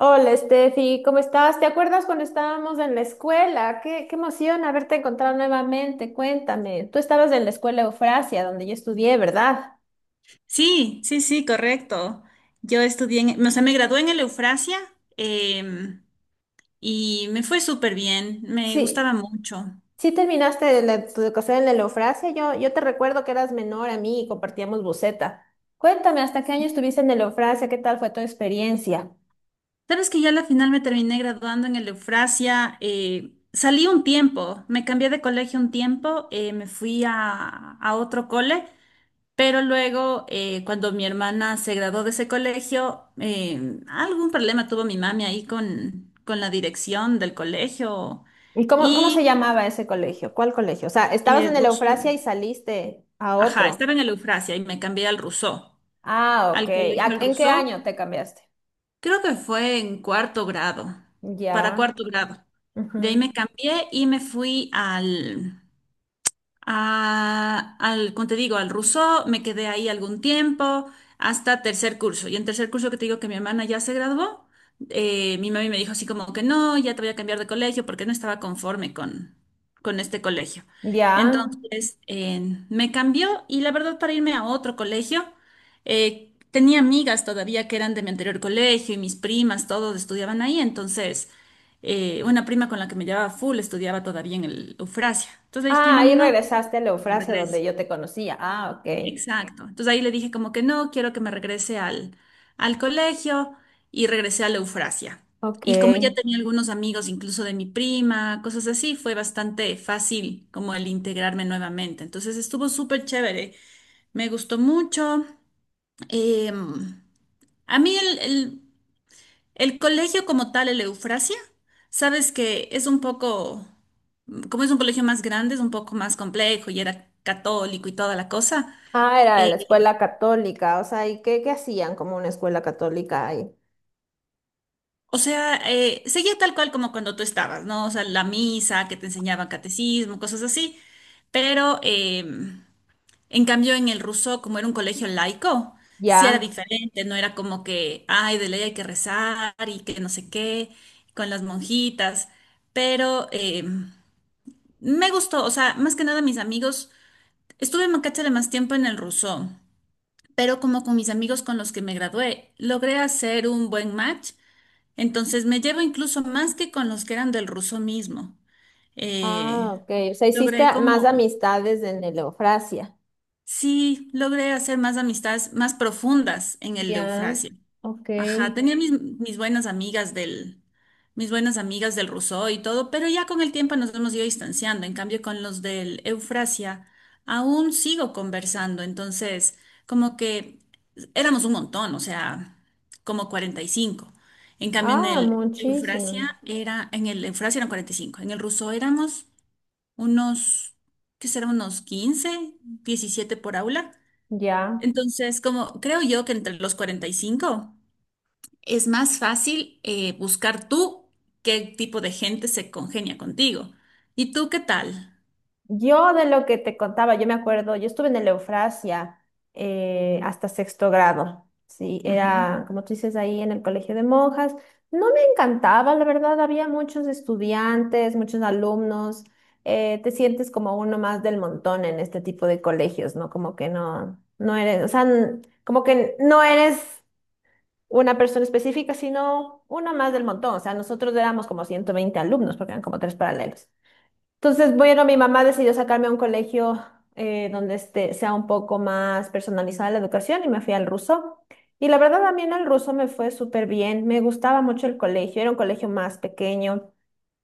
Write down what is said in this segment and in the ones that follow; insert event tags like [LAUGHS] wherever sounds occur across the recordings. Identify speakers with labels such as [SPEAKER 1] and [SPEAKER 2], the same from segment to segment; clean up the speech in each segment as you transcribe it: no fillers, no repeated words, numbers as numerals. [SPEAKER 1] Hola, Steffi, ¿cómo estás? ¿Te acuerdas cuando estábamos en la escuela? Qué emoción haberte encontrado nuevamente. Cuéntame, tú estabas en la escuela Eufrasia, donde yo estudié, ¿verdad?
[SPEAKER 2] Sí, sí, sí, correcto. Yo estudié, o sea, me gradué en el Eufrasia em, y me fue súper bien, me gustaba
[SPEAKER 1] Sí,
[SPEAKER 2] mucho.
[SPEAKER 1] sí terminaste tu educación en la Eufrasia. Yo te recuerdo que eras menor a mí y compartíamos buceta. Cuéntame, ¿hasta qué año estuviste en la Eufrasia? ¿Qué tal fue tu experiencia?
[SPEAKER 2] Sabes que yo a la final me terminé graduando en el Eufrasia, salí un tiempo, me cambié de colegio un tiempo, me fui a otro cole, pero luego cuando mi hermana se graduó de ese colegio, algún problema tuvo mi mami ahí con la dirección del colegio
[SPEAKER 1] ¿Y cómo se
[SPEAKER 2] y...
[SPEAKER 1] llamaba ese colegio? ¿Cuál colegio? O sea, estabas en
[SPEAKER 2] eh,
[SPEAKER 1] la Eufrasia y saliste a
[SPEAKER 2] Ajá,
[SPEAKER 1] otro.
[SPEAKER 2] estaba en el Eufrasia y me cambié al Rousseau,
[SPEAKER 1] Ah, ok.
[SPEAKER 2] al colegio del
[SPEAKER 1] ¿En qué
[SPEAKER 2] Rousseau.
[SPEAKER 1] año te cambiaste?
[SPEAKER 2] Creo que fue en cuarto grado, para
[SPEAKER 1] Ya.
[SPEAKER 2] cuarto grado.
[SPEAKER 1] Ujú.
[SPEAKER 2] De ahí me cambié y me fui al, como te digo, al Rousseau, me quedé ahí algún tiempo, hasta tercer curso. Y en tercer curso que te digo que mi hermana ya se graduó, mi mami me dijo así como que no, ya te voy a cambiar de colegio porque no estaba conforme con este colegio.
[SPEAKER 1] Ya.
[SPEAKER 2] Entonces, me cambió y la verdad para irme a otro colegio, tenía amigas todavía que eran de mi anterior colegio y mis primas, todos estudiaban ahí, entonces una prima con la que me llevaba full estudiaba todavía en el Eufrasia. Entonces le dije,
[SPEAKER 1] Ah, ahí
[SPEAKER 2] mami, no,
[SPEAKER 1] regresaste a la
[SPEAKER 2] me
[SPEAKER 1] frase donde
[SPEAKER 2] regrese.
[SPEAKER 1] yo te conocía. Ah, ok.
[SPEAKER 2] Exacto. Entonces ahí le dije como que no, quiero que me regrese al, al colegio y regresé a la Eufrasia.
[SPEAKER 1] Ok.
[SPEAKER 2] Y como ya tenía algunos amigos, incluso de mi prima, cosas así, fue bastante fácil como el integrarme nuevamente. Entonces estuvo súper chévere, me gustó mucho. Eh, a mí el colegio como tal, el Eufrasia, sabes que es un poco, como es un colegio más grande, es un poco más complejo y era católico y toda la cosa.
[SPEAKER 1] Ah, era de la
[SPEAKER 2] eh,
[SPEAKER 1] escuela católica. O sea, ¿y qué hacían como una escuela católica ahí?
[SPEAKER 2] O sea, seguía tal cual como cuando tú estabas, ¿no? O sea, la misa, que te enseñaban catecismo, cosas así. Pero, en cambio, en el ruso, como era un colegio laico, sí era
[SPEAKER 1] Ya.
[SPEAKER 2] diferente, no era como que, ay, de ley hay que rezar y que no sé qué, con las monjitas. Pero me gustó, o sea, más que nada mis amigos, estuve en Macachale más tiempo en el ruso, pero como con mis amigos con los que me gradué, logré hacer un buen match entonces me llevo incluso más que con los que eran del ruso mismo. Eh,
[SPEAKER 1] Ah, ok. O sea, hiciste
[SPEAKER 2] logré
[SPEAKER 1] más
[SPEAKER 2] como,
[SPEAKER 1] amistades en Eleofrasia.
[SPEAKER 2] sí, logré hacer más amistades más profundas en el
[SPEAKER 1] Ya.
[SPEAKER 2] Eufrasia.
[SPEAKER 1] Ok.
[SPEAKER 2] Ajá, tenía mis buenas amigas del, mis buenas amigas del Rousseau y todo, pero ya con el tiempo nos hemos ido distanciando. En cambio, con los del Eufrasia, aún sigo conversando. Entonces, como que éramos un montón, o sea, como 45. En cambio,
[SPEAKER 1] Ah, muchísimo.
[SPEAKER 2] en el Eufrasia eran 45. En el Rousseau éramos unos, ¿qué será? Unos 15, 17 por aula.
[SPEAKER 1] Ya.
[SPEAKER 2] Entonces, como creo yo que entre los 45 es más fácil buscar tú qué tipo de gente se congenia contigo. ¿Y tú qué tal?
[SPEAKER 1] Yo de lo que te contaba, yo me acuerdo, yo estuve en el Eufrasia hasta sexto grado, sí,
[SPEAKER 2] Ujú.
[SPEAKER 1] era, como tú dices, ahí en el colegio de monjas. No me encantaba, la verdad, había muchos estudiantes, muchos alumnos, te sientes como uno más del montón en este tipo de colegios, ¿no? Como que no eres, o sea, como que no eres una persona específica, sino uno más del montón, o sea, nosotros éramos como 120 alumnos, porque eran como tres paralelos. Entonces, bueno, mi mamá decidió sacarme a un colegio donde este, sea un poco más personalizada la educación y me fui al ruso. Y la verdad, también mí el ruso me fue súper bien. Me gustaba mucho el colegio. Era un colegio más pequeño.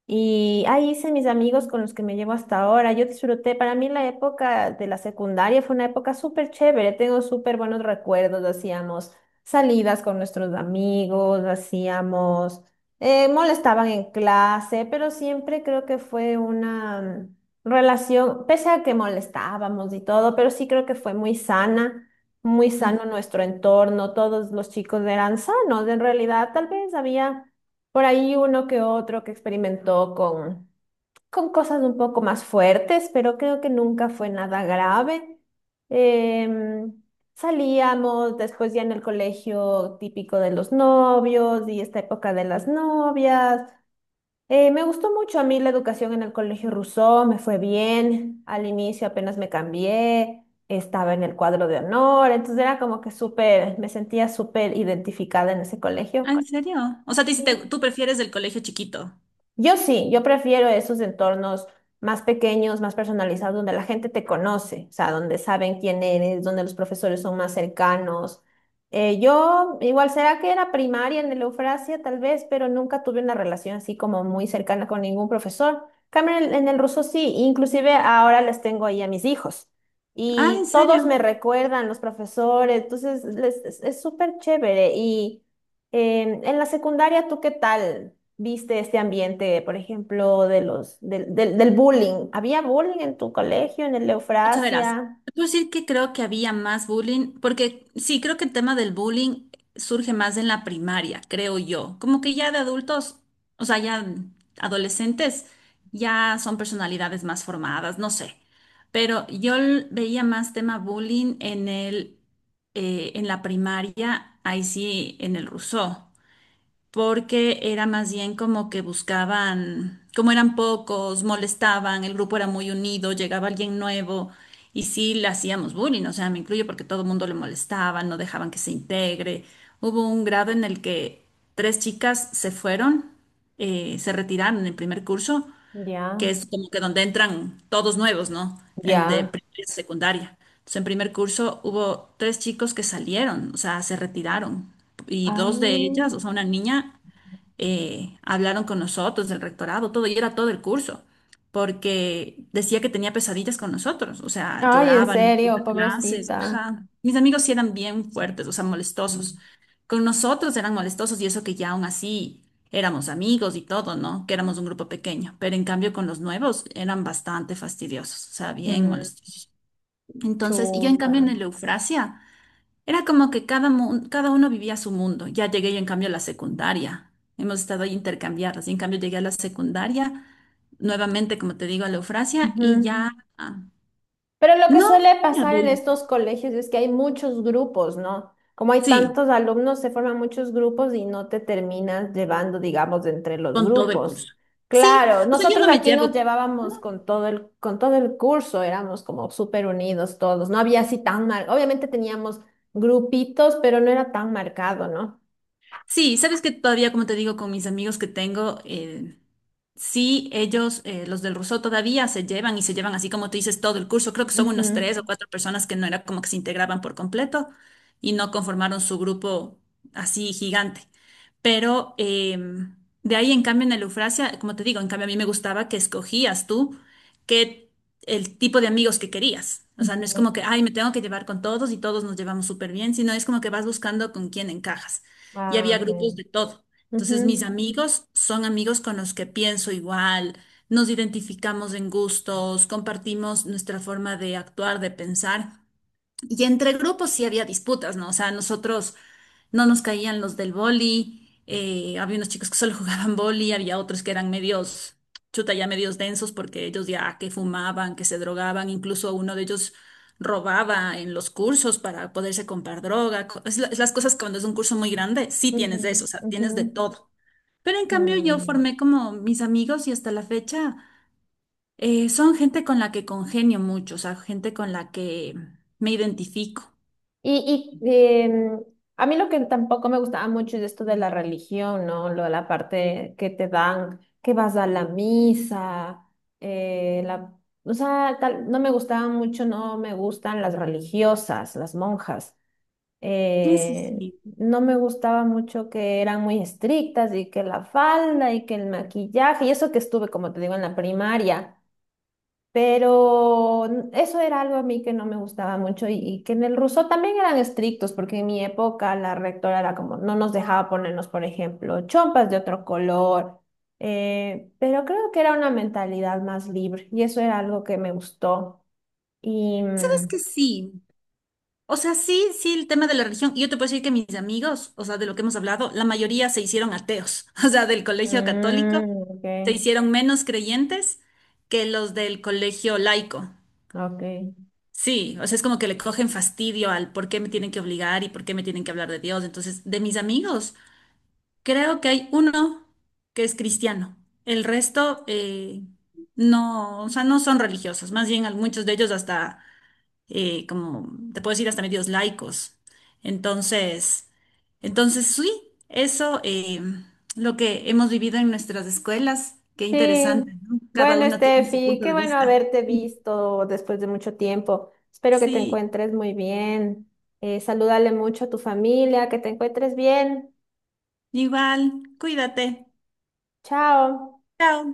[SPEAKER 1] Y ahí hice mis amigos con los que me llevo hasta ahora. Yo disfruté, para mí la época de la secundaria fue una época súper chévere. Tengo súper buenos recuerdos. Hacíamos salidas con nuestros amigos, hacíamos, molestaban en clase, pero siempre creo que fue una relación, pese a que molestábamos y todo, pero sí creo que fue muy sana. Muy sano
[SPEAKER 2] Mm.
[SPEAKER 1] nuestro entorno, todos los chicos eran sanos, en realidad tal vez había por ahí uno que otro que experimentó con cosas un poco más fuertes, pero creo que nunca fue nada grave. Em, Salíamos después ya en el colegio típico de los novios y esta época de las novias. Me gustó mucho a mí la educación en el colegio Rousseau, me fue bien. Al inicio apenas me cambié, estaba en el cuadro de honor, entonces era como que súper, me sentía súper identificada en ese
[SPEAKER 2] Ah,
[SPEAKER 1] colegio.
[SPEAKER 2] ¿en serio? O sea,
[SPEAKER 1] Sí.
[SPEAKER 2] tú prefieres el colegio chiquito.
[SPEAKER 1] Yo sí, yo prefiero esos entornos más pequeños, más personalizados, donde la gente te conoce, o sea, donde saben quién eres, donde los profesores son más cercanos. Yo, igual, será que era primaria en el Eufrasia, tal vez, pero nunca tuve una relación así como muy cercana con ningún profesor. Cambio en el ruso sí, inclusive ahora les tengo ahí a mis hijos.
[SPEAKER 2] Ah, ¿en
[SPEAKER 1] Y todos
[SPEAKER 2] serio?
[SPEAKER 1] me recuerdan, los profesores, entonces es súper chévere. Y en la secundaria, ¿tú qué tal? ¿Viste este ambiente, por ejemplo, de del bullying? ¿Había bullying en tu colegio, en el
[SPEAKER 2] O sea, verás,
[SPEAKER 1] Eufrasia?
[SPEAKER 2] te puedo decir que creo que había más bullying, porque sí, creo que el tema del bullying surge más en la primaria, creo yo. Como que ya de adultos, o sea, ya adolescentes, ya son personalidades más formadas, no sé. Pero yo veía más tema bullying en en la primaria, ahí sí, en el Rousseau porque era más bien como que buscaban, como eran pocos, molestaban, el grupo era muy unido, llegaba alguien nuevo y sí le hacíamos bullying, o sea, me incluyo porque todo el mundo le molestaba, no dejaban que se integre. Hubo un grado en el que tres chicas se fueron, se retiraron en el primer curso, que
[SPEAKER 1] Ya,
[SPEAKER 2] es como que donde entran todos nuevos, ¿no? El de
[SPEAKER 1] ya.
[SPEAKER 2] primaria y secundaria. Entonces, en primer curso hubo tres chicos que salieron, o sea, se retiraron. Y dos de ellas,
[SPEAKER 1] Ah,
[SPEAKER 2] o sea, una niña hablaron con nosotros del rectorado, todo, y era todo el curso, porque decía que tenía pesadillas con nosotros, o sea,
[SPEAKER 1] ay, en
[SPEAKER 2] lloraban en
[SPEAKER 1] serio,
[SPEAKER 2] las clases,
[SPEAKER 1] pobrecita.
[SPEAKER 2] ajá. Mis amigos sí eran bien fuertes, o sea, molestosos. Con nosotros eran molestosos y eso que ya aún así éramos amigos y todo, ¿no? Que éramos un grupo pequeño, pero en cambio con los nuevos eran bastante fastidiosos, o sea, bien
[SPEAKER 1] Mm.
[SPEAKER 2] molestosos. Entonces, y yo en cambio en
[SPEAKER 1] Chuta.
[SPEAKER 2] el Eufrasia. Era como que cada uno vivía su mundo. Ya llegué yo en cambio a la secundaria. Hemos estado ahí intercambiadas. Y en cambio llegué a la secundaria, nuevamente, como te digo, a la Eufrasia
[SPEAKER 1] Ujú.
[SPEAKER 2] y ya... ah,
[SPEAKER 1] Pero lo
[SPEAKER 2] No,
[SPEAKER 1] que
[SPEAKER 2] no
[SPEAKER 1] suele
[SPEAKER 2] tenía
[SPEAKER 1] pasar en
[SPEAKER 2] bullying.
[SPEAKER 1] estos colegios es que hay muchos grupos, ¿no? Como hay
[SPEAKER 2] Sí,
[SPEAKER 1] tantos alumnos, se forman muchos grupos y no te terminas llevando, digamos, entre los
[SPEAKER 2] con todo el
[SPEAKER 1] grupos.
[SPEAKER 2] curso. Sí,
[SPEAKER 1] Claro,
[SPEAKER 2] o sea, yo
[SPEAKER 1] nosotros
[SPEAKER 2] no me
[SPEAKER 1] aquí nos
[SPEAKER 2] llevo.
[SPEAKER 1] llevábamos con todo el curso, éramos como súper unidos todos, no había así tan mal, obviamente teníamos grupitos, pero no era tan marcado, ¿no?
[SPEAKER 2] Sí, sabes que todavía, como te digo, con mis amigos que tengo, sí, ellos, los del Rousseau, todavía se llevan y se llevan así como tú dices todo el curso. Creo que son unas tres
[SPEAKER 1] Ujú.
[SPEAKER 2] o cuatro personas que no era como que se integraban por completo y no conformaron su grupo así gigante. Pero de ahí, en cambio, en el Eufrasia, como te digo, en cambio a mí me gustaba que escogías tú que el tipo de amigos que querías. O sea, no es
[SPEAKER 1] Ujú.
[SPEAKER 2] como que, ay, me tengo que llevar con todos y todos nos llevamos súper bien, sino es como que vas buscando con quién encajas. Y
[SPEAKER 1] Ah,
[SPEAKER 2] había
[SPEAKER 1] ok.
[SPEAKER 2] grupos de todo. Entonces, mis
[SPEAKER 1] Ujú,
[SPEAKER 2] amigos son amigos con los que pienso igual, nos identificamos en gustos, compartimos nuestra forma de actuar, de pensar. Y entre grupos sí había disputas, ¿no? O sea, nosotros no nos caían los del boli, había unos chicos que solo [LAUGHS] jugaban boli, había otros que eran medios, chuta, ya medios densos porque ellos ya que fumaban, que se drogaban, incluso uno de ellos robaba en los cursos para poderse comprar droga. Es las cosas que cuando es un curso muy grande, sí
[SPEAKER 1] ujú,
[SPEAKER 2] tienes de eso, o sea,
[SPEAKER 1] ujú.
[SPEAKER 2] tienes de todo. Pero en cambio yo
[SPEAKER 1] Mm.
[SPEAKER 2] formé como mis amigos y hasta la fecha son gente con la que congenio mucho, o sea, gente con la que me identifico.
[SPEAKER 1] Y a mí lo que tampoco me gustaba mucho es esto de la religión, ¿no? Lo de la parte que te dan, que vas a la misa, eh, la, o sea, tal, no me gustaban mucho, no me gustan las religiosas, las monjas.
[SPEAKER 2] Eso sí.
[SPEAKER 1] Eh,
[SPEAKER 2] Sí.
[SPEAKER 1] no me gustaba mucho que eran muy estrictas y que la falda y que el maquillaje, y eso que estuve, como te digo, en la primaria. Pero eso era algo a mí que no me gustaba mucho y que en el ruso también eran estrictos, porque en mi época la rectora era como, no nos dejaba ponernos, por ejemplo, chompas de otro color, pero creo que era una mentalidad más libre y eso era algo que me gustó. Y...
[SPEAKER 2] ¿Sabes que
[SPEAKER 1] mm,
[SPEAKER 2] sí? O sea, sí, sí, el tema de la religión. Yo te puedo decir que mis amigos, o sea, de lo que hemos hablado, la mayoría se hicieron ateos. [LAUGHS] O sea, del colegio católico
[SPEAKER 1] ok,
[SPEAKER 2] se hicieron menos creyentes que los del colegio laico.
[SPEAKER 1] ok.
[SPEAKER 2] Sí, o sea, es como que le cogen fastidio al por qué me tienen que obligar y por qué me tienen que hablar de Dios. Entonces, de mis amigos, creo que hay uno que es cristiano. El resto, no, o sea, no son religiosos. Más bien, muchos de ellos hasta como te puedo decir, hasta medios laicos. Entonces, sí, eso lo que hemos vivido en nuestras escuelas, qué interesante,
[SPEAKER 1] Sí,
[SPEAKER 2] ¿no? Cada
[SPEAKER 1] bueno,
[SPEAKER 2] uno tiene su
[SPEAKER 1] Steffi,
[SPEAKER 2] punto
[SPEAKER 1] qué
[SPEAKER 2] de
[SPEAKER 1] bueno
[SPEAKER 2] vista.
[SPEAKER 1] haberte
[SPEAKER 2] [LAUGHS]
[SPEAKER 1] visto después de mucho tiempo. Espero que te
[SPEAKER 2] Sí,
[SPEAKER 1] encuentres muy bien. Salúdale mucho a tu familia, que te encuentres bien.
[SPEAKER 2] igual, cuídate.
[SPEAKER 1] Chao.
[SPEAKER 2] Chao.